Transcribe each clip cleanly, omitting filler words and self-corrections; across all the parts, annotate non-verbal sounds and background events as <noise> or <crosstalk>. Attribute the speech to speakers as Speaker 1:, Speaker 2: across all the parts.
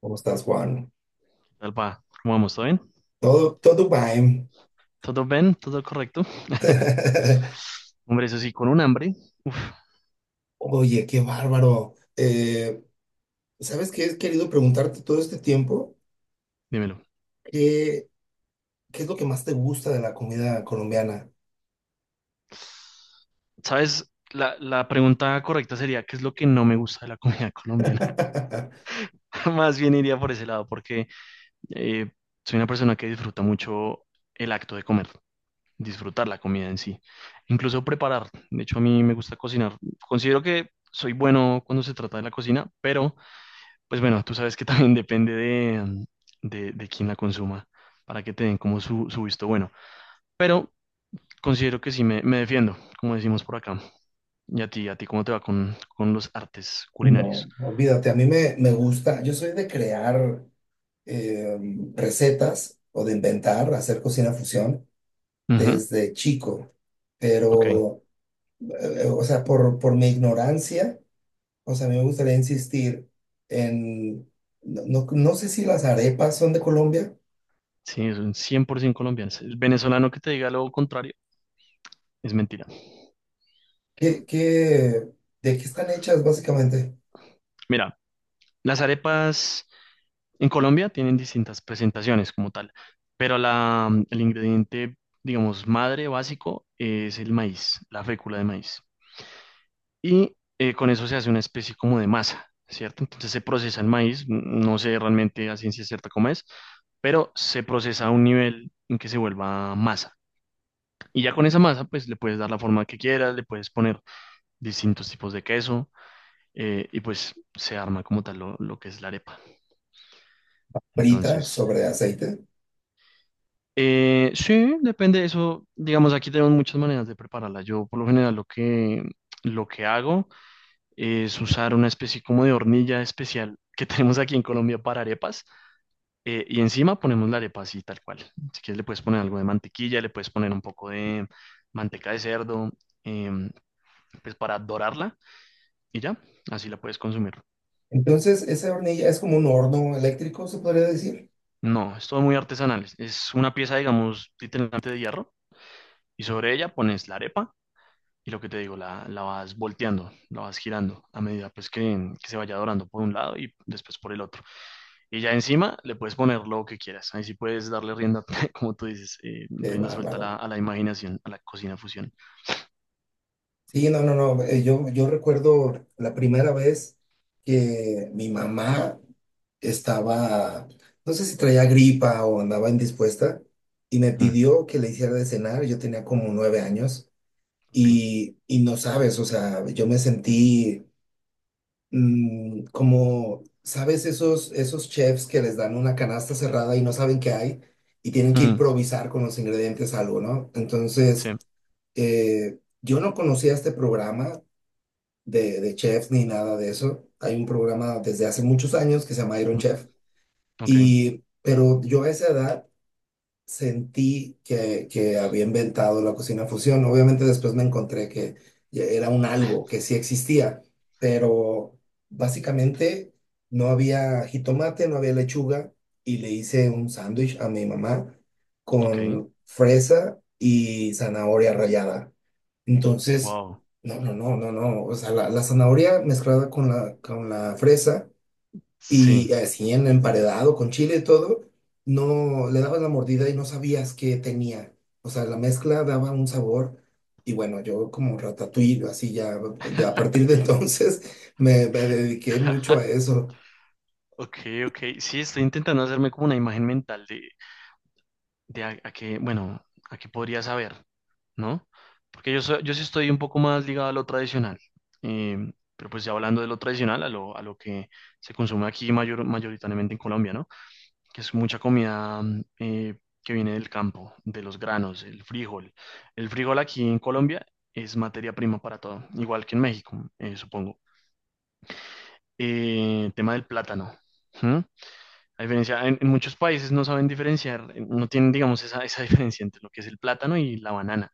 Speaker 1: ¿Cómo estás, Juan?
Speaker 2: Alba, ¿cómo vamos? ¿Todo bien?
Speaker 1: Todo bien.
Speaker 2: ¿Todo bien? ¿Todo correcto?
Speaker 1: <laughs>
Speaker 2: Hombre, eso sí, con un hambre. Uf,
Speaker 1: Oye, qué bárbaro. ¿Sabes qué? He querido preguntarte todo este tiempo,
Speaker 2: dímelo.
Speaker 1: ¿qué, qué es lo que más te gusta de la comida colombiana?
Speaker 2: ¿Sabes? La pregunta correcta sería, ¿qué es lo que no me gusta de la comida colombiana?
Speaker 1: <laughs>
Speaker 2: <laughs> Más bien iría por ese lado, porque eh, soy una persona que disfruta mucho el acto de comer, disfrutar la comida en sí, incluso preparar. De hecho, a mí me gusta cocinar. Considero que soy bueno cuando se trata de la cocina, pero pues bueno, tú sabes que también <laughs> depende de quién la consuma para que te den como su visto bueno. Pero considero que sí me defiendo, como decimos por acá. ¿Y a ti, cómo te va con los artes culinarios?
Speaker 1: No, olvídate, a mí me gusta, yo soy de crear eh, recetas o de inventar, hacer cocina fusión
Speaker 2: Ujú.
Speaker 1: desde chico,
Speaker 2: Ok.
Speaker 1: pero, o sea, por mi ignorancia. O sea, a mí me gustaría insistir en, no, no sé si las arepas son de Colombia.
Speaker 2: Sí, es un 100% colombiano. El venezolano que te diga lo contrario es mentira.
Speaker 1: ¿Qué, qué- ¿De qué están hechas básicamente?
Speaker 2: Mira, las arepas en Colombia tienen distintas presentaciones como tal, pero el ingrediente, digamos, madre básico es el maíz, la fécula de maíz. Y con eso se hace una especie como de masa, ¿cierto? Entonces se procesa el maíz, no sé realmente a ciencia cierta cómo es, pero se procesa a un nivel en que se vuelva masa. Y ya con esa masa, pues le puedes dar la forma que quieras, le puedes poner distintos tipos de queso, y pues se arma como tal lo que es la arepa.
Speaker 1: Frita
Speaker 2: Entonces,
Speaker 1: sobre aceite.
Speaker 2: sí, depende de eso. Digamos, aquí tenemos muchas maneras de prepararla. Yo por lo general lo que hago es usar una especie como de hornilla especial que <laughs> tenemos aquí en Colombia para arepas, y encima ponemos la arepa así tal cual. Si quieres le puedes poner algo de mantequilla, le puedes poner un poco de manteca de cerdo, em, pues para dorarla y ya, así la puedes consumir.
Speaker 1: Entonces, esa hornilla es como un horno eléctrico, se podría decir.
Speaker 2: No, es todo muy artesanal. Es una pieza, digamos, literalmente de hierro y sobre ella pones la arepa y lo que te digo, la vas volteando, la vas girando a medida pues que se vaya dorando por un lado y después por el otro. Y ya encima le puedes poner lo que quieras. Ahí sí puedes darle rienda, <laughs> como tú dices,
Speaker 1: Qué
Speaker 2: rienda suelta a
Speaker 1: bárbaro.
Speaker 2: la imaginación, a la cocina fusión.
Speaker 1: Sí, no, no, no. Yo recuerdo la primera vez que mi mamá estaba, no sé si traía gripa o andaba indispuesta, y me
Speaker 2: Mm,
Speaker 1: pidió que le hiciera de cenar. Yo tenía como nueve años.
Speaker 2: ok.
Speaker 1: Y no sabes, o sea, yo me sentí como, ¿sabes? Esos chefs que les dan una canasta cerrada y no saben qué hay y tienen que
Speaker 2: Mm,
Speaker 1: improvisar con los ingredientes algo, ¿no?
Speaker 2: sí.
Speaker 1: Entonces, yo no conocía este programa de chefs ni nada de eso. Hay un programa desde hace muchos años que se llama Iron
Speaker 2: Mm.
Speaker 1: Chef.
Speaker 2: Ok.
Speaker 1: Y, pero yo a esa edad sentí que había inventado la cocina fusión. Obviamente después me encontré que ya era un algo que sí existía, pero básicamente no había jitomate, no había lechuga y le hice un sándwich a mi mamá
Speaker 2: Ok.
Speaker 1: con fresa y zanahoria rallada. Entonces,
Speaker 2: Wow.
Speaker 1: no, no, no, no, no, o sea, la zanahoria mezclada con la fresa.
Speaker 2: Sí.
Speaker 1: Y así en emparedado con chile y todo, no le dabas la mordida y no sabías qué tenía. O sea, la mezcla daba un sabor. Y bueno, yo como ratatouille, así ya, a partir de entonces <laughs> me dediqué mucho a
Speaker 2: <laughs>
Speaker 1: eso.
Speaker 2: Ok, ok. Sí, estoy intentando hacerme como una imagen mental de a qué, bueno, a qué podría saber, ¿no? Porque yo sí estoy un poco más ligado a lo tradicional. Pero pues ya hablando de lo tradicional, a lo que se consume aquí mayoritariamente en Colombia, ¿no? Que es mucha comida que viene del campo, de los granos, el frijol. El frijol aquí en Colombia es materia prima para todo, igual que en México, supongo. Tema del plátano. ¿M? A diferencia, en muchos países no saben diferenciar, no tienen, digamos, esa <laughs> diferencia entre lo que es el plátano y la banana.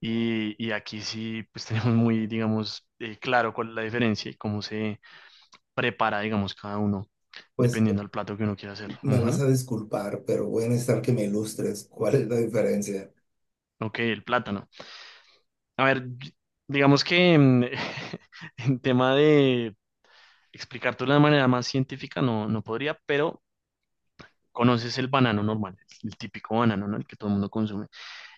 Speaker 2: Y aquí sí, pues <laughs> tenemos muy, digamos, claro cuál es la diferencia y cómo se prepara, digamos, cada uno,
Speaker 1: Pues
Speaker 2: dependiendo del plato que uno quiera hacer.
Speaker 1: me vas
Speaker 2: Ujú.
Speaker 1: a disculpar, pero voy a necesitar que me ilustres cuál es la diferencia.
Speaker 2: Ok, el plátano. A ver, digamos que <laughs> en tema de explicártelo de manera más científica no podría, pero conoces el banano normal, el típico banano, ¿no? El que todo el mundo consume.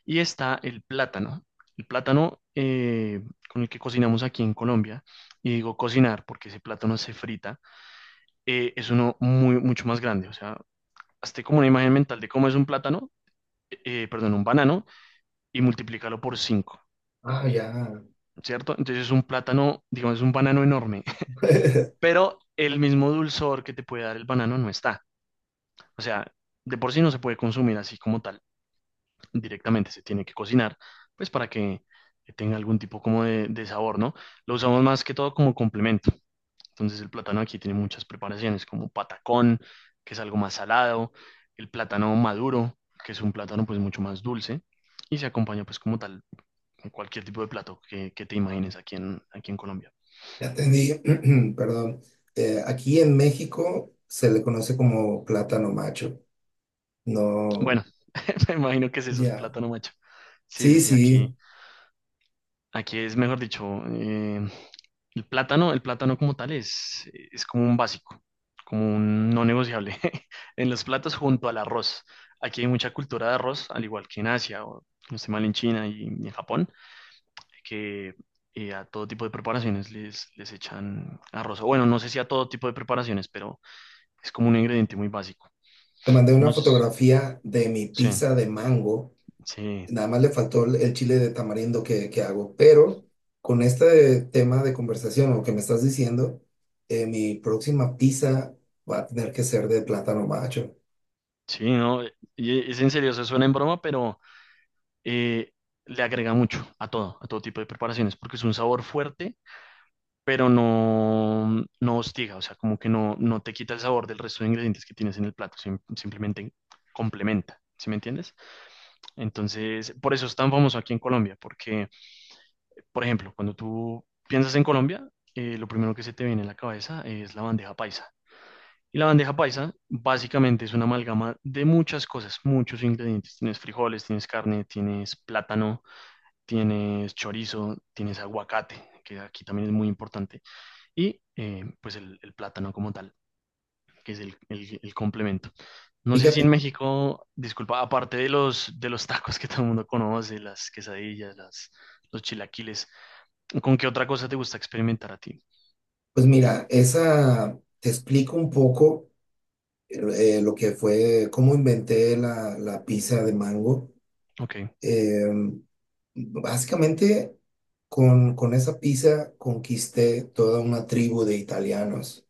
Speaker 2: Y está el plátano. El plátano, con el que cocinamos aquí en Colombia, y digo cocinar porque ese plátano se frita. Es uno mucho más grande. O sea, hazte como una imagen mental de cómo es un plátano, eh, perdón, un banano, y multiplícalo por cinco.
Speaker 1: Ah, ya.
Speaker 2: ¿Cierto? Entonces es un plátano, digamos, es un banano enorme,
Speaker 1: <laughs>
Speaker 2: pero el mismo dulzor que te puede dar el banano no está. O sea, de por sí no se puede consumir así como tal, directamente se tiene que cocinar, pues para que tenga algún tipo como de sabor, ¿no? Lo usamos más que todo como complemento. Entonces el plátano aquí tiene muchas preparaciones, como patacón, que es algo más salado, el plátano maduro, que es un plátano pues mucho más dulce, y se acompaña pues como tal con cualquier tipo de plato que te imagines aquí en Colombia.
Speaker 1: Ya entendí. <clears throat> Perdón. Aquí en México se le conoce como plátano macho. No,
Speaker 2: Bueno, <laughs> me imagino que es eso, el
Speaker 1: ya.
Speaker 2: plátano macho. Sí, sí,
Speaker 1: Sí,
Speaker 2: sí,
Speaker 1: sí.
Speaker 2: aquí es, mejor dicho, el plátano como tal es como un básico, como un no negociable <laughs> en los platos junto al arroz. Aquí hay mucha cultura de arroz, al igual que en Asia, o no estoy mal, en China y en Japón, que a todo tipo de preparaciones les echan arroz. O bueno, no sé si a todo tipo de preparaciones, pero es como un ingrediente muy básico.
Speaker 1: Te mandé una
Speaker 2: No sé.
Speaker 1: fotografía de mi
Speaker 2: Sí,
Speaker 1: pizza de mango.
Speaker 2: sí.
Speaker 1: Nada más le faltó el chile de tamarindo que hago. Pero con este tema de conversación o que me estás diciendo, mi próxima pizza va a tener que ser de plátano macho.
Speaker 2: Sí, no. Y es en serio, eso suena en broma, pero eh, le agrega mucho a todo tipo de preparaciones, porque es un sabor fuerte, pero no hostiga, o sea, como que no te quita el sabor del resto de ingredientes que tienes en el plato, simplemente complementa, ¿sí me entiendes? Entonces, por eso es tan famoso aquí en Colombia, porque, por ejemplo, cuando tú piensas en Colombia, lo primero que se te viene a la cabeza es la bandeja paisa. Y la bandeja paisa básicamente es una amalgama de muchas cosas, muchos ingredientes. Tienes frijoles, tienes carne, tienes plátano, tienes chorizo, tienes aguacate, que aquí también es muy importante, y pues el plátano como tal, que es el complemento. No sé si en
Speaker 1: Fíjate,
Speaker 2: México, disculpa, aparte de de los tacos que todo el mundo conoce, las quesadillas, los chilaquiles, ¿con qué otra cosa te gusta experimentar a ti?
Speaker 1: pues mira, esa te explico un poco lo que fue, cómo inventé la, la pizza de mango.
Speaker 2: Ok.
Speaker 1: Eh, Básicamente, con esa pizza conquisté toda una tribu de italianos.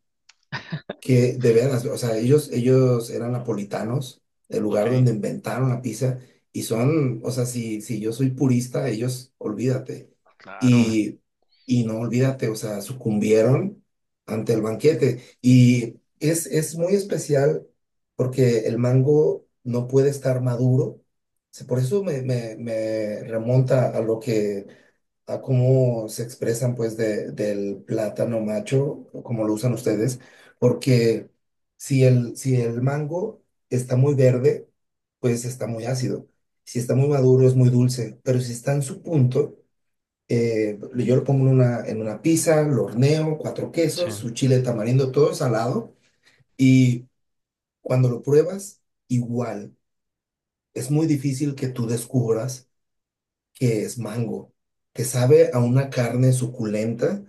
Speaker 2: <laughs>
Speaker 1: Que de veras, o sea, ellos eran napolitanos, el lugar
Speaker 2: Ok,
Speaker 1: donde inventaron la pizza, y son, o sea, si, si yo soy purista, ellos, olvídate.
Speaker 2: claro,
Speaker 1: Y, y no olvídate, o sea, sucumbieron ante el banquete. Y es muy especial porque el mango no puede estar maduro. Por eso me remonta a lo que a cómo se expresan pues del plátano macho, como lo usan ustedes, porque si el, si el mango está muy verde, pues está muy ácido. Si está muy maduro, es muy dulce, pero si está en su punto, yo lo pongo en una pizza, lo horneo, cuatro
Speaker 2: sí,
Speaker 1: quesos, su chile tamarindo, todo salado, y cuando lo pruebas, igual. Es muy difícil que tú descubras que es mango. Te sabe a una carne suculenta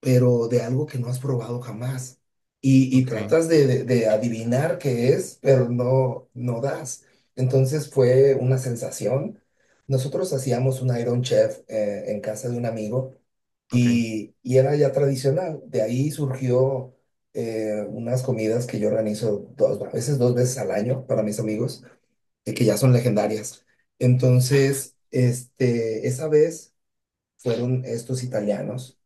Speaker 1: pero de algo que no has probado jamás. Y
Speaker 2: ok,
Speaker 1: tratas de, de adivinar qué es, pero no, no das. Entonces fue una sensación. Nosotros hacíamos un Iron Chef en casa de un amigo
Speaker 2: ok.
Speaker 1: y era ya tradicional. De ahí surgió unas comidas que yo organizo dos, a veces dos veces al año para mis amigos, que ya son legendarias. Entonces, este, esa vez fueron estos italianos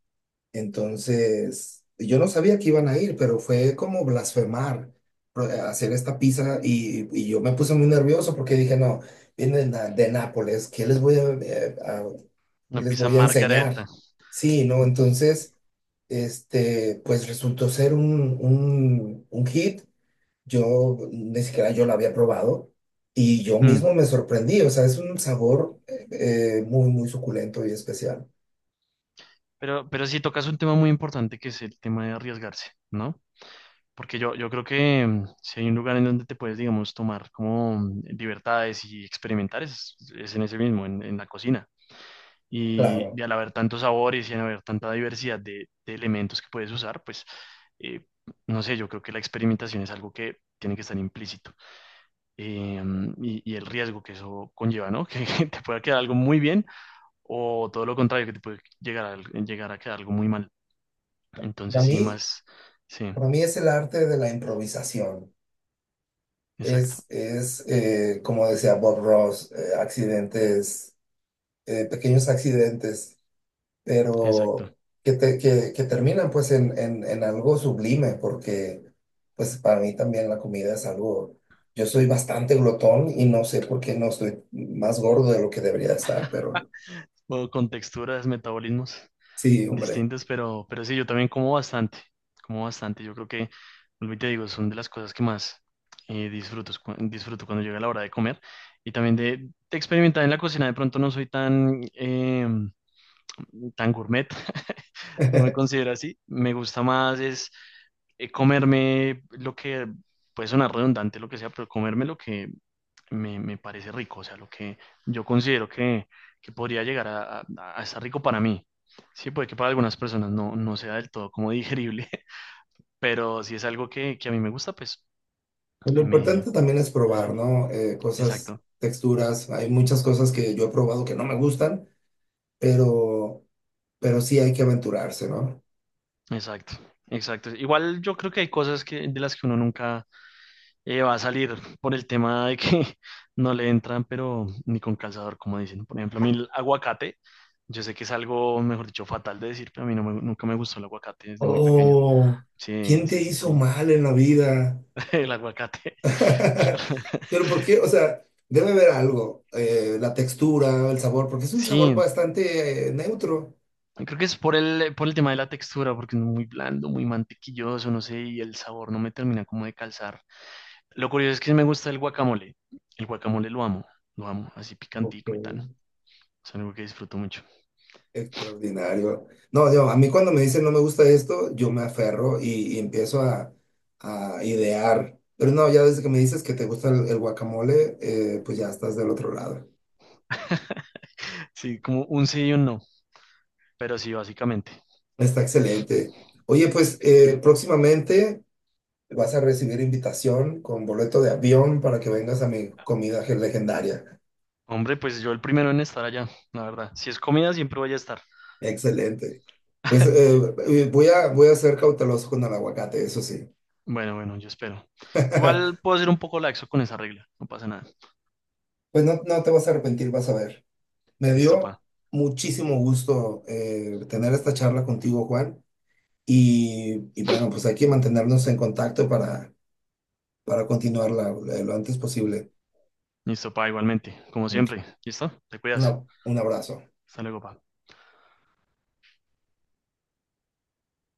Speaker 1: entonces, yo no sabía que iban a ir, pero fue como blasfemar hacer esta pizza y yo me puse muy nervioso porque dije, no, vienen de Nápoles, ¿qué les voy a, qué
Speaker 2: Una
Speaker 1: les
Speaker 2: pizza
Speaker 1: voy a enseñar?
Speaker 2: margareta.
Speaker 1: Sí, ¿no? Entonces, este, pues resultó ser un hit. Yo ni siquiera yo lo había probado y yo
Speaker 2: Mm.
Speaker 1: mismo me sorprendí. O sea, es un sabor muy, muy suculento y especial.
Speaker 2: Pero sí tocas un tema muy importante que es el tema de arriesgarse, ¿no? Porque yo creo que, si hay un lugar en donde te puedes, digamos, tomar como libertades y experimentar, es en ese mismo, en la cocina. Y,
Speaker 1: Claro.
Speaker 2: y al haber tantos sabores y al haber tanta diversidad de elementos que puedes usar, pues, eh, no sé, yo creo que la experimentación es algo que tiene que estar implícito. Y el riesgo que eso conlleva, ¿no? <laughs> Que te pueda quedar algo muy bien o todo lo contrario, que te puede llegar a quedar algo muy mal.
Speaker 1: A
Speaker 2: Entonces sí,
Speaker 1: mí
Speaker 2: más, sí,
Speaker 1: para mí es el arte de la improvisación.
Speaker 2: exacto,
Speaker 1: Es como decía Bob Ross, accidentes, pequeños accidentes,
Speaker 2: exacto.
Speaker 1: pero que, que terminan pues en algo sublime, porque pues para mí también la comida es algo, yo soy bastante glotón y no sé por qué no estoy más gordo de lo que debería estar, pero
Speaker 2: O con texturas, metabolismos
Speaker 1: sí, hombre.
Speaker 2: distintos, pero sí, yo también como bastante, como bastante. Yo creo que, vuelvo y te digo, son de las cosas que más disfruto, disfruto cuando llega la hora de comer. Y también de experimentar en la cocina, de pronto no soy tan, tan gourmet, no me
Speaker 1: <laughs>
Speaker 2: considero así. Me gusta más es comerme lo que, puede sonar redundante, lo que sea, pero comerme lo que me parece rico, o sea, lo que yo considero que podría llegar a estar rico para mí. Sí, puede que para algunas personas no sea del todo como digerible, <laughs> pero si es algo que a mí me gusta, pues
Speaker 1: Lo
Speaker 2: eh, me...
Speaker 1: importante también es probar, ¿no?
Speaker 2: Exacto,
Speaker 1: Cosas, texturas, hay muchas cosas que yo he probado que no me gustan pero, pero sí hay que aventurarse, ¿no?
Speaker 2: exacto, exacto. Igual yo creo que hay cosas que, de las que uno nunca va a salir por el tema de que <laughs> no le entran, pero ni con calzador, como dicen. Por ejemplo, a mí el aguacate, yo sé que es algo, mejor dicho, fatal de decir, pero a mí nunca me gustó el aguacate desde muy pequeño.
Speaker 1: Oh,
Speaker 2: Sí,
Speaker 1: ¿quién te
Speaker 2: sí, sí, sí,
Speaker 1: hizo mal en la vida?
Speaker 2: <laughs> el aguacate.
Speaker 1: <laughs>
Speaker 2: <laughs>
Speaker 1: Pero ¿por qué? O sea, debe haber algo, la textura, el sabor, porque es un sabor
Speaker 2: Sí,
Speaker 1: bastante neutro.
Speaker 2: creo que es por el tema de la textura, porque es muy blando, muy mantequilloso, no sé, y el sabor no me termina como de calzar. Lo curioso es que sí me gusta el guacamole. El guacamole lo amo, así
Speaker 1: Ok,
Speaker 2: picantico y tan. Es algo que disfruto mucho.
Speaker 1: extraordinario. No, yo, a mí cuando me dicen no me gusta esto, yo me aferro y empiezo a idear. Pero no, ya desde que me dices que te gusta el guacamole, pues ya estás del otro lado.
Speaker 2: <laughs> Sí, como un sí y un no, pero sí, básicamente.
Speaker 1: Está excelente. Oye, pues próximamente vas a recibir invitación con boleto de avión para que vengas a mi comida legendaria.
Speaker 2: Hombre, pues yo el primero en estar allá, la verdad. Si es comida, siempre voy a estar.
Speaker 1: Excelente. Pues
Speaker 2: <laughs>
Speaker 1: voy a, voy a ser cauteloso con el aguacate, eso sí. <laughs>
Speaker 2: Bueno, bueno, yo espero. Igual puedo ser un poco laxo con esa regla, no pasa nada.
Speaker 1: Pues no, no te vas a arrepentir, vas a ver. Me
Speaker 2: Listo,
Speaker 1: dio
Speaker 2: pa.
Speaker 1: muchísimo gusto tener esta charla contigo, Juan. Y bueno, pues hay que mantenernos en contacto para continuarla lo antes posible.
Speaker 2: Listo, pa, igualmente, como
Speaker 1: Un,
Speaker 2: siempre. ¿Listo? Te cuidas.
Speaker 1: un abrazo.
Speaker 2: Hasta luego, pa.